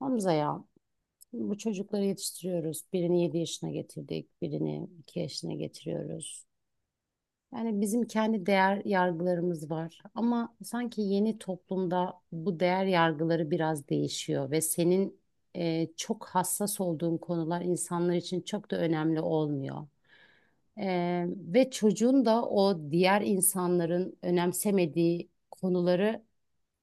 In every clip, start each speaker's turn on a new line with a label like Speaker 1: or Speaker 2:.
Speaker 1: Hamza ya, bu çocukları yetiştiriyoruz. Birini 7 yaşına getirdik, birini 2 yaşına getiriyoruz. Yani bizim kendi değer yargılarımız var ama sanki yeni toplumda bu değer yargıları biraz değişiyor ve senin çok hassas olduğun konular insanlar için çok da önemli olmuyor. Ve çocuğun da o diğer insanların önemsemediği konuları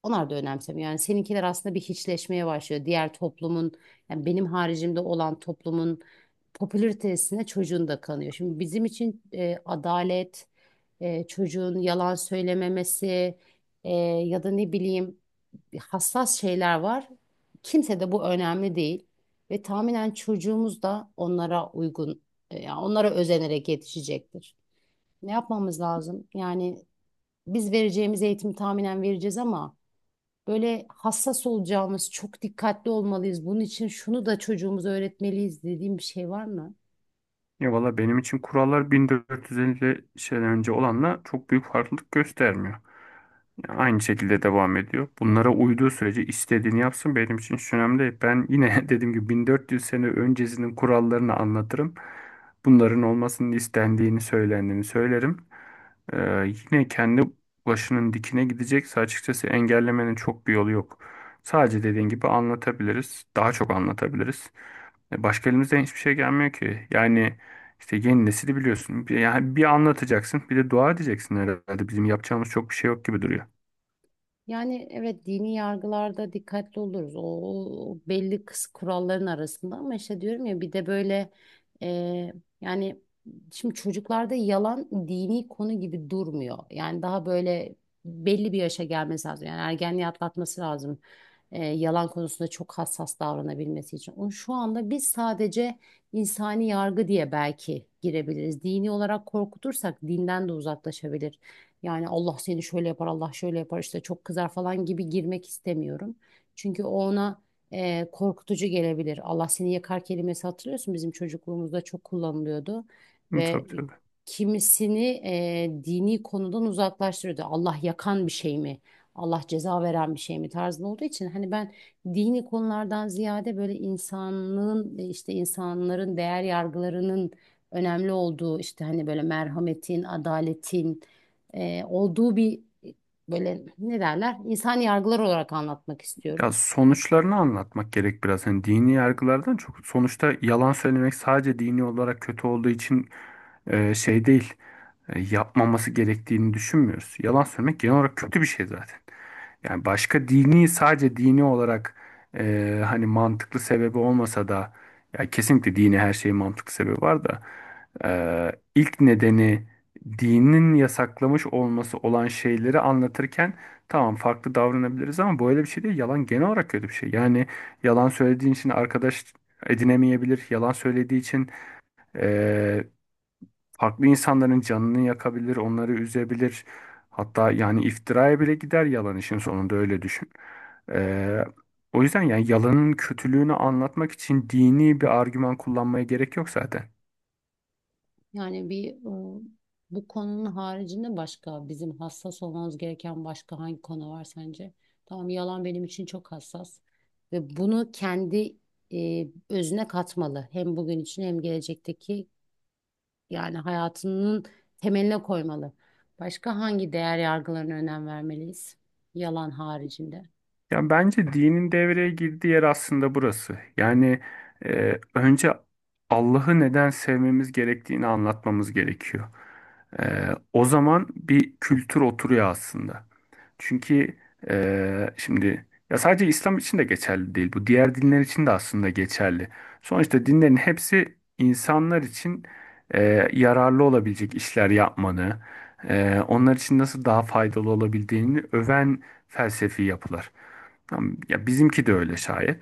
Speaker 1: onlar da önemsemiyor. Yani seninkiler aslında bir hiçleşmeye başlıyor. Diğer toplumun, yani benim haricimde olan toplumun popülaritesine çocuğun da kanıyor. Şimdi bizim için adalet, çocuğun yalan söylememesi, ya da ne bileyim, hassas şeyler var. Kimse de bu önemli değil. Ve tahminen çocuğumuz da onlara uygun, yani onlara özenerek yetişecektir. Ne yapmamız lazım? Yani biz vereceğimiz eğitimi tahminen vereceğiz ama böyle hassas olacağımız, çok dikkatli olmalıyız. Bunun için şunu da çocuğumuza öğretmeliyiz dediğim bir şey var mı?
Speaker 2: Ya valla benim için kurallar 1450 şeyden önce olanla çok büyük farklılık göstermiyor. Aynı şekilde devam ediyor. Bunlara uyduğu sürece istediğini yapsın benim için hiç önemli değil. Ben yine dediğim gibi 1400 sene öncesinin kurallarını anlatırım. Bunların olmasının istendiğini söylendiğini söylerim. Ee, Yine kendi başının dikine gidecekse açıkçası engellemenin çok bir yolu yok. Sadece dediğin gibi anlatabiliriz. Daha çok anlatabiliriz. Başka elimizden hiçbir şey gelmiyor ki. Yani işte yeni nesili biliyorsun. Yani bir anlatacaksın, bir de dua edeceksin herhalde. Bizim yapacağımız çok bir şey yok gibi duruyor.
Speaker 1: Yani evet, dini yargılarda dikkatli oluruz. O belli kıs kuralların arasında ama işte diyorum ya bir de böyle, e, yani şimdi çocuklarda yalan dini konu gibi durmuyor. Yani daha böyle belli bir yaşa gelmesi lazım. Yani ergenliği atlatması lazım. Yalan konusunda çok hassas davranabilmesi için. Onu şu anda biz sadece insani yargı diye belki girebiliriz. Dini olarak korkutursak dinden de uzaklaşabilir. Yani Allah seni şöyle yapar, Allah şöyle yapar işte çok kızar falan gibi girmek istemiyorum. Çünkü o ona korkutucu gelebilir. Allah seni yakar kelimesi, hatırlıyorsun, bizim çocukluğumuzda çok kullanılıyordu
Speaker 2: Hı,
Speaker 1: ve
Speaker 2: tabii tabii.
Speaker 1: kimisini dini konudan uzaklaştırıyordu. Allah yakan bir şey mi? Allah ceza veren bir şey mi tarzında olduğu için, hani ben dini konulardan ziyade böyle insanlığın, işte insanların değer yargılarının önemli olduğu, işte hani böyle merhametin, adaletin olduğu bir, e, böyle ne derler, insan yargılar olarak anlatmak istiyorum.
Speaker 2: Ya sonuçlarını anlatmak gerek biraz. Hani dini yargılardan çok sonuçta yalan söylemek sadece dini olarak kötü olduğu için şey değil. Yapmaması gerektiğini düşünmüyoruz. Yalan söylemek genel olarak kötü bir şey zaten. Yani başka dini sadece dini olarak hani mantıklı sebebi olmasa da ya kesinlikle dini her şeyin mantıklı sebebi var da e, ilk nedeni dinin yasaklamış olması olan şeyleri anlatırken tamam farklı davranabiliriz ama böyle bir şey değil. Yalan genel olarak kötü bir şey. Yani yalan söylediğin için arkadaş edinemeyebilir. Yalan söylediği için eee, farklı insanların canını yakabilir, onları üzebilir. Hatta yani iftiraya bile gider yalan işin sonunda öyle düşün. Eee, O yüzden yani yalanın kötülüğünü anlatmak için dini bir argüman kullanmaya gerek yok zaten.
Speaker 1: Yani bir, e, bu konunun haricinde başka bizim hassas olmamız gereken başka hangi konu var sence? Tamam, yalan benim için çok hassas ve bunu kendi özüne katmalı. Hem bugün için hem gelecekteki, yani hayatının temeline koymalı. Başka hangi değer yargılarına önem vermeliyiz? Yalan haricinde.
Speaker 2: Ya bence dinin devreye girdiği yer aslında burası. Yani önce Allah'ı neden sevmemiz gerektiğini anlatmamız gerekiyor. E, O zaman bir kültür oturuyor aslında. Çünkü şimdi ya sadece İslam için de geçerli değil bu. Diğer dinler için de aslında geçerli. Sonuçta dinlerin hepsi insanlar için e, yararlı olabilecek işler yapmanı, onlar için nasıl daha faydalı olabildiğini öven felsefi yapılar. Tamam, ya bizimki de öyle şayet.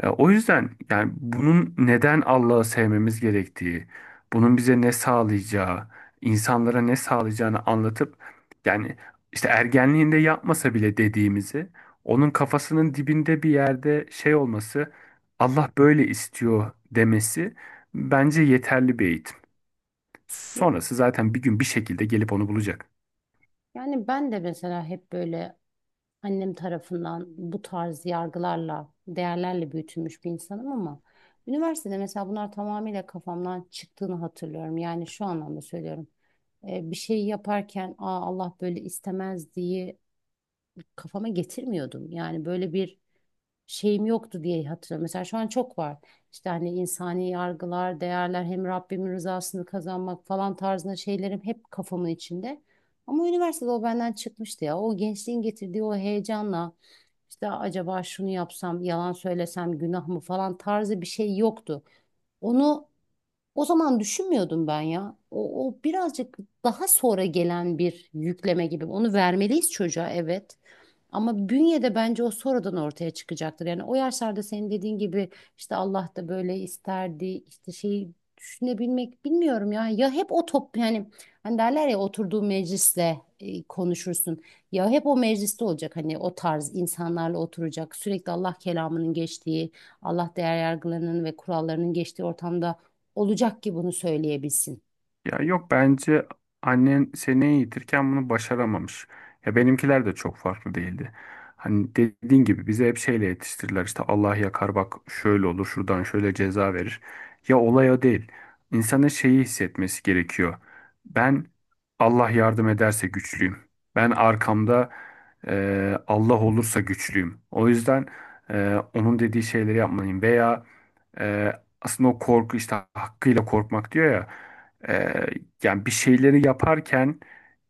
Speaker 2: O yüzden yani bunun neden Allah'ı sevmemiz gerektiği, bunun bize ne sağlayacağı, insanlara ne sağlayacağını anlatıp yani işte ergenliğinde yapmasa bile dediğimizi onun kafasının dibinde bir yerde şey olması, Allah böyle istiyor demesi bence yeterli bir eğitim.
Speaker 1: Ya-
Speaker 2: Sonrası zaten bir gün bir şekilde gelip onu bulacak.
Speaker 1: Yani ben de mesela hep böyle annem tarafından bu tarz yargılarla, değerlerle büyütülmüş bir insanım ama üniversitede mesela bunlar tamamıyla kafamdan çıktığını hatırlıyorum. Yani şu anlamda söylüyorum. Bir şeyi yaparken, aa, Allah böyle istemez diye kafama getirmiyordum. Yani böyle bir şeyim yoktu diye hatırlıyorum. Mesela şu an çok var. İşte hani insani yargılar, değerler, hem Rabbimin rızasını kazanmak falan tarzında şeylerim hep kafamın içinde. Ama üniversitede o benden çıkmıştı ya. O gençliğin getirdiği o heyecanla işte acaba şunu yapsam, yalan söylesem günah mı falan tarzı bir şey yoktu. Onu o zaman düşünmüyordum ben ya. O birazcık daha sonra gelen bir yükleme gibi. Onu vermeliyiz çocuğa, evet. Ama bünyede bence o sonradan ortaya çıkacaktır. Yani o yaşlarda senin dediğin gibi işte Allah da böyle isterdi işte şeyi düşünebilmek, bilmiyorum ya. Ya hep o top, yani hani derler ya, oturduğu meclisle konuşursun. Ya hep o mecliste olacak, hani o tarz insanlarla oturacak. Sürekli Allah kelamının geçtiği, Allah değer yargılarının ve kurallarının geçtiği ortamda olacak ki bunu söyleyebilsin.
Speaker 2: Ya yok bence annen seni eğitirken bunu başaramamış. Ya benimkiler de çok farklı değildi. Hani dediğin gibi bize hep şeyle yetiştirdiler işte Allah yakar bak şöyle olur şuradan şöyle ceza verir. Ya olay o değil. İnsanın şeyi hissetmesi gerekiyor. Ben Allah yardım ederse güçlüyüm. Ben arkamda Allah olursa güçlüyüm. O yüzden onun dediği şeyleri yapmalıyım. Veya e, aslında o korku işte hakkıyla korkmak diyor ya. Ee, Yani bir şeyleri yaparken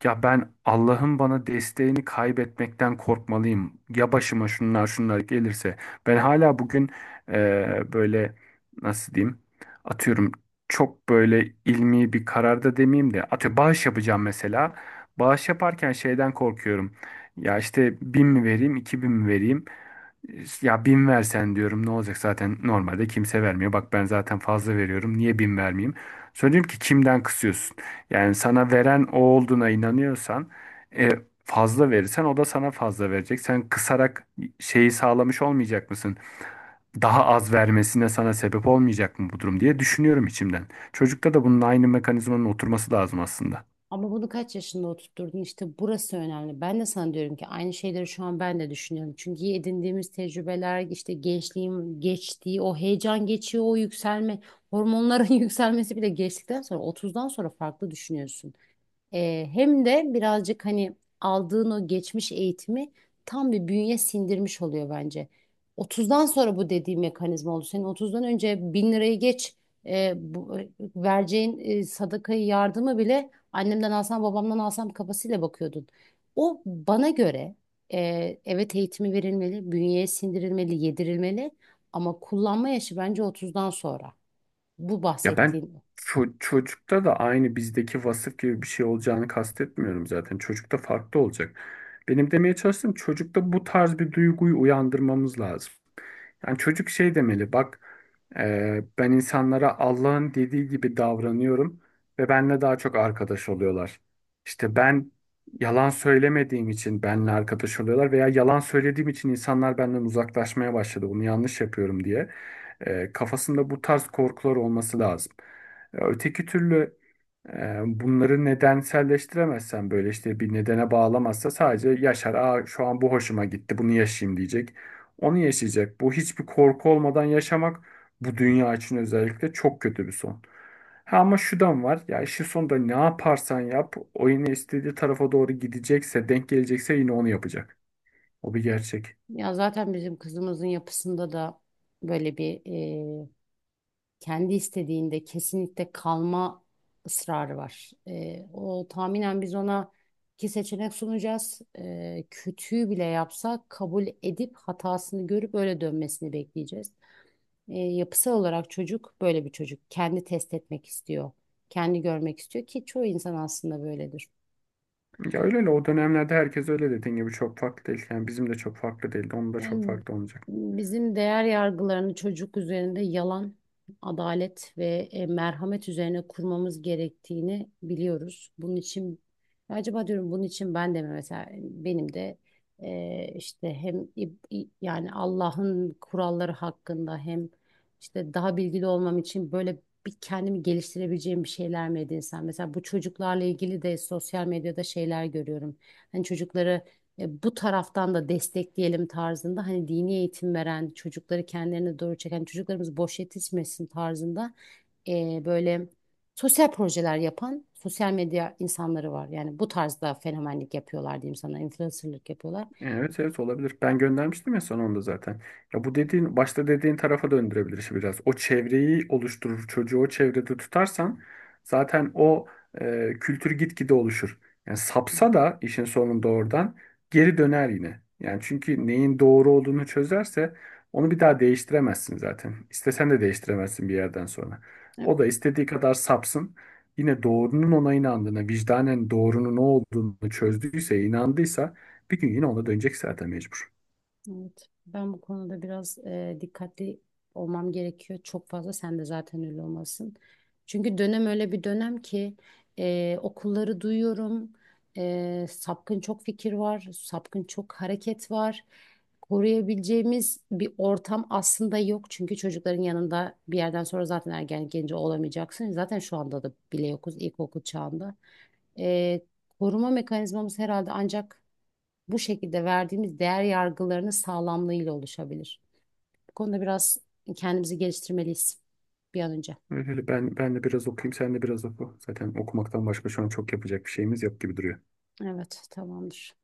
Speaker 2: ya ben Allah'ın bana desteğini kaybetmekten korkmalıyım. Ya başıma şunlar şunlar gelirse. Ben hala bugün böyle nasıl diyeyim atıyorum çok böyle ilmi bir kararda demeyeyim de atıyorum bağış yapacağım mesela. Bağış yaparken şeyden korkuyorum. Ya işte 1000 mi vereyim, 2000 mi vereyim? "İşte, ya 1000 versen diyorum ne olacak zaten normalde kimse vermiyor. Bak ben zaten fazla veriyorum. Niye 1000 vermeyeyim? Söyleyeyim ki kimden kısıyorsun? Yani sana veren o olduğuna inanıyorsan e, fazla verirsen o da sana fazla verecek. Sen kısarak şeyi sağlamış olmayacak mısın? Daha az vermesine sana sebep olmayacak mı bu durum diye düşünüyorum içimden. Çocukta da bunun aynı mekanizmanın oturması lazım aslında.
Speaker 1: Ama bunu kaç yaşında oturtturdun, işte burası önemli. Ben de sana diyorum ki aynı şeyleri şu an ben de düşünüyorum. Çünkü edindiğimiz tecrübeler, işte gençliğim geçtiği o heyecan geçiyor, o yükselme hormonların yükselmesi bile geçtikten sonra 30'dan sonra farklı düşünüyorsun. Hem de birazcık hani aldığın o geçmiş eğitimi tam bir bünye sindirmiş oluyor bence. 30'dan sonra bu dediğim mekanizma oldu. Senin 30'dan önce 1000 lirayı geç, e, bu, vereceğin sadakayı, yardımı bile annemden alsam babamdan alsam kafasıyla bakıyordun. O bana göre, evet, eğitimi verilmeli, bünyeye sindirilmeli, yedirilmeli ama kullanma yaşı bence 30'dan sonra. Bu
Speaker 2: Ya ben
Speaker 1: bahsettiğim.
Speaker 2: çocukta da aynı bizdeki vasıf gibi bir şey olacağını kastetmiyorum zaten. Çocukta farklı olacak. Benim demeye çalıştığım çocukta bu tarz bir duyguyu uyandırmamız lazım. Yani çocuk şey demeli bak ben insanlara Allah'ın dediği gibi davranıyorum ve benimle daha çok arkadaş oluyorlar. İşte ben yalan söylemediğim için benimle arkadaş oluyorlar veya yalan söylediğim için insanlar benden uzaklaşmaya başladı. Bunu yanlış yapıyorum diye. Kafasında bu tarz korkular olması lazım. Öteki türlü bunları nedenselleştiremezsen böyle işte bir nedene bağlamazsa sadece yaşar. Aa, şu an bu hoşuma gitti bunu yaşayayım diyecek. Onu yaşayacak. Bu hiçbir korku olmadan yaşamak bu dünya için özellikle çok kötü bir son. Ha ama şudan var. Ya işin sonunda ne yaparsan yap o yine istediği tarafa doğru gidecekse, denk gelecekse yine onu yapacak. O bir gerçek.
Speaker 1: Ya zaten bizim kızımızın yapısında da böyle bir, e, kendi istediğinde kesinlikle kalma ısrarı var. E, o tahminen biz ona 2 seçenek sunacağız. E, kötüyü bile yapsa kabul edip hatasını görüp öyle dönmesini bekleyeceğiz. E, yapısal olarak çocuk böyle bir çocuk. Kendi test etmek istiyor. Kendi görmek istiyor ki çoğu insan aslında böyledir.
Speaker 2: Ya öyle öyle o dönemlerde herkes öyle dediğin gibi çok farklı değil. Yani bizim de çok farklı değildi. Onun da çok
Speaker 1: Yani
Speaker 2: farklı olmayacak.
Speaker 1: bizim değer yargılarını çocuk üzerinde yalan, adalet ve merhamet üzerine kurmamız gerektiğini biliyoruz. Bunun için acaba diyorum, bunun için ben de mi, mesela benim de, işte hem yani Allah'ın kuralları hakkında, hem işte daha bilgili olmam için böyle bir kendimi geliştirebileceğim bir şeyler mi edinsem? Mesela bu çocuklarla ilgili de sosyal medyada şeyler görüyorum. Hani çocukları bu taraftan da destekleyelim tarzında, hani dini eğitim veren, çocukları kendilerine doğru çeken, çocuklarımız boş yetişmesin tarzında böyle sosyal projeler yapan sosyal medya insanları var. Yani bu tarzda fenomenlik yapıyorlar, diyeyim sana, influencerlık yapıyorlar.
Speaker 2: Evet evet olabilir. Ben göndermiştim ya sana onu da zaten. Ya bu dediğin başta dediğin tarafa döndürebilir işi biraz. O çevreyi oluşturur. Çocuğu o çevrede tutarsan zaten o kültür gitgide oluşur. Yani sapsa da işin sonunda oradan geri döner yine. Yani çünkü neyin doğru olduğunu çözerse onu bir daha değiştiremezsin zaten. İstesen de değiştiremezsin bir yerden sonra. O da istediği kadar sapsın. Yine doğrunun ona inandığına, vicdanen doğrunun ne olduğunu çözdüyse, inandıysa bir gün yine ona dönecek zaten mecbur.
Speaker 1: Evet, ben bu konuda biraz dikkatli olmam gerekiyor. Çok fazla, sen de zaten öyle olmasın. Çünkü dönem öyle bir dönem ki, okulları duyuyorum. E, sapkın çok fikir var, sapkın çok hareket var. Koruyabileceğimiz bir ortam aslında yok. Çünkü çocukların yanında bir yerden sonra zaten ergen genci olamayacaksın. Zaten şu anda da bile yokuz ilkokul çağında. E, Koruma mekanizmamız herhalde ancak bu şekilde verdiğimiz değer yargılarının sağlamlığıyla oluşabilir. Bu konuda biraz kendimizi geliştirmeliyiz bir an önce.
Speaker 2: Öyle ben de biraz okuyayım, sen de biraz oku. Zaten okumaktan başka şu an çok yapacak bir şeyimiz yok gibi duruyor.
Speaker 1: Evet, tamamdır.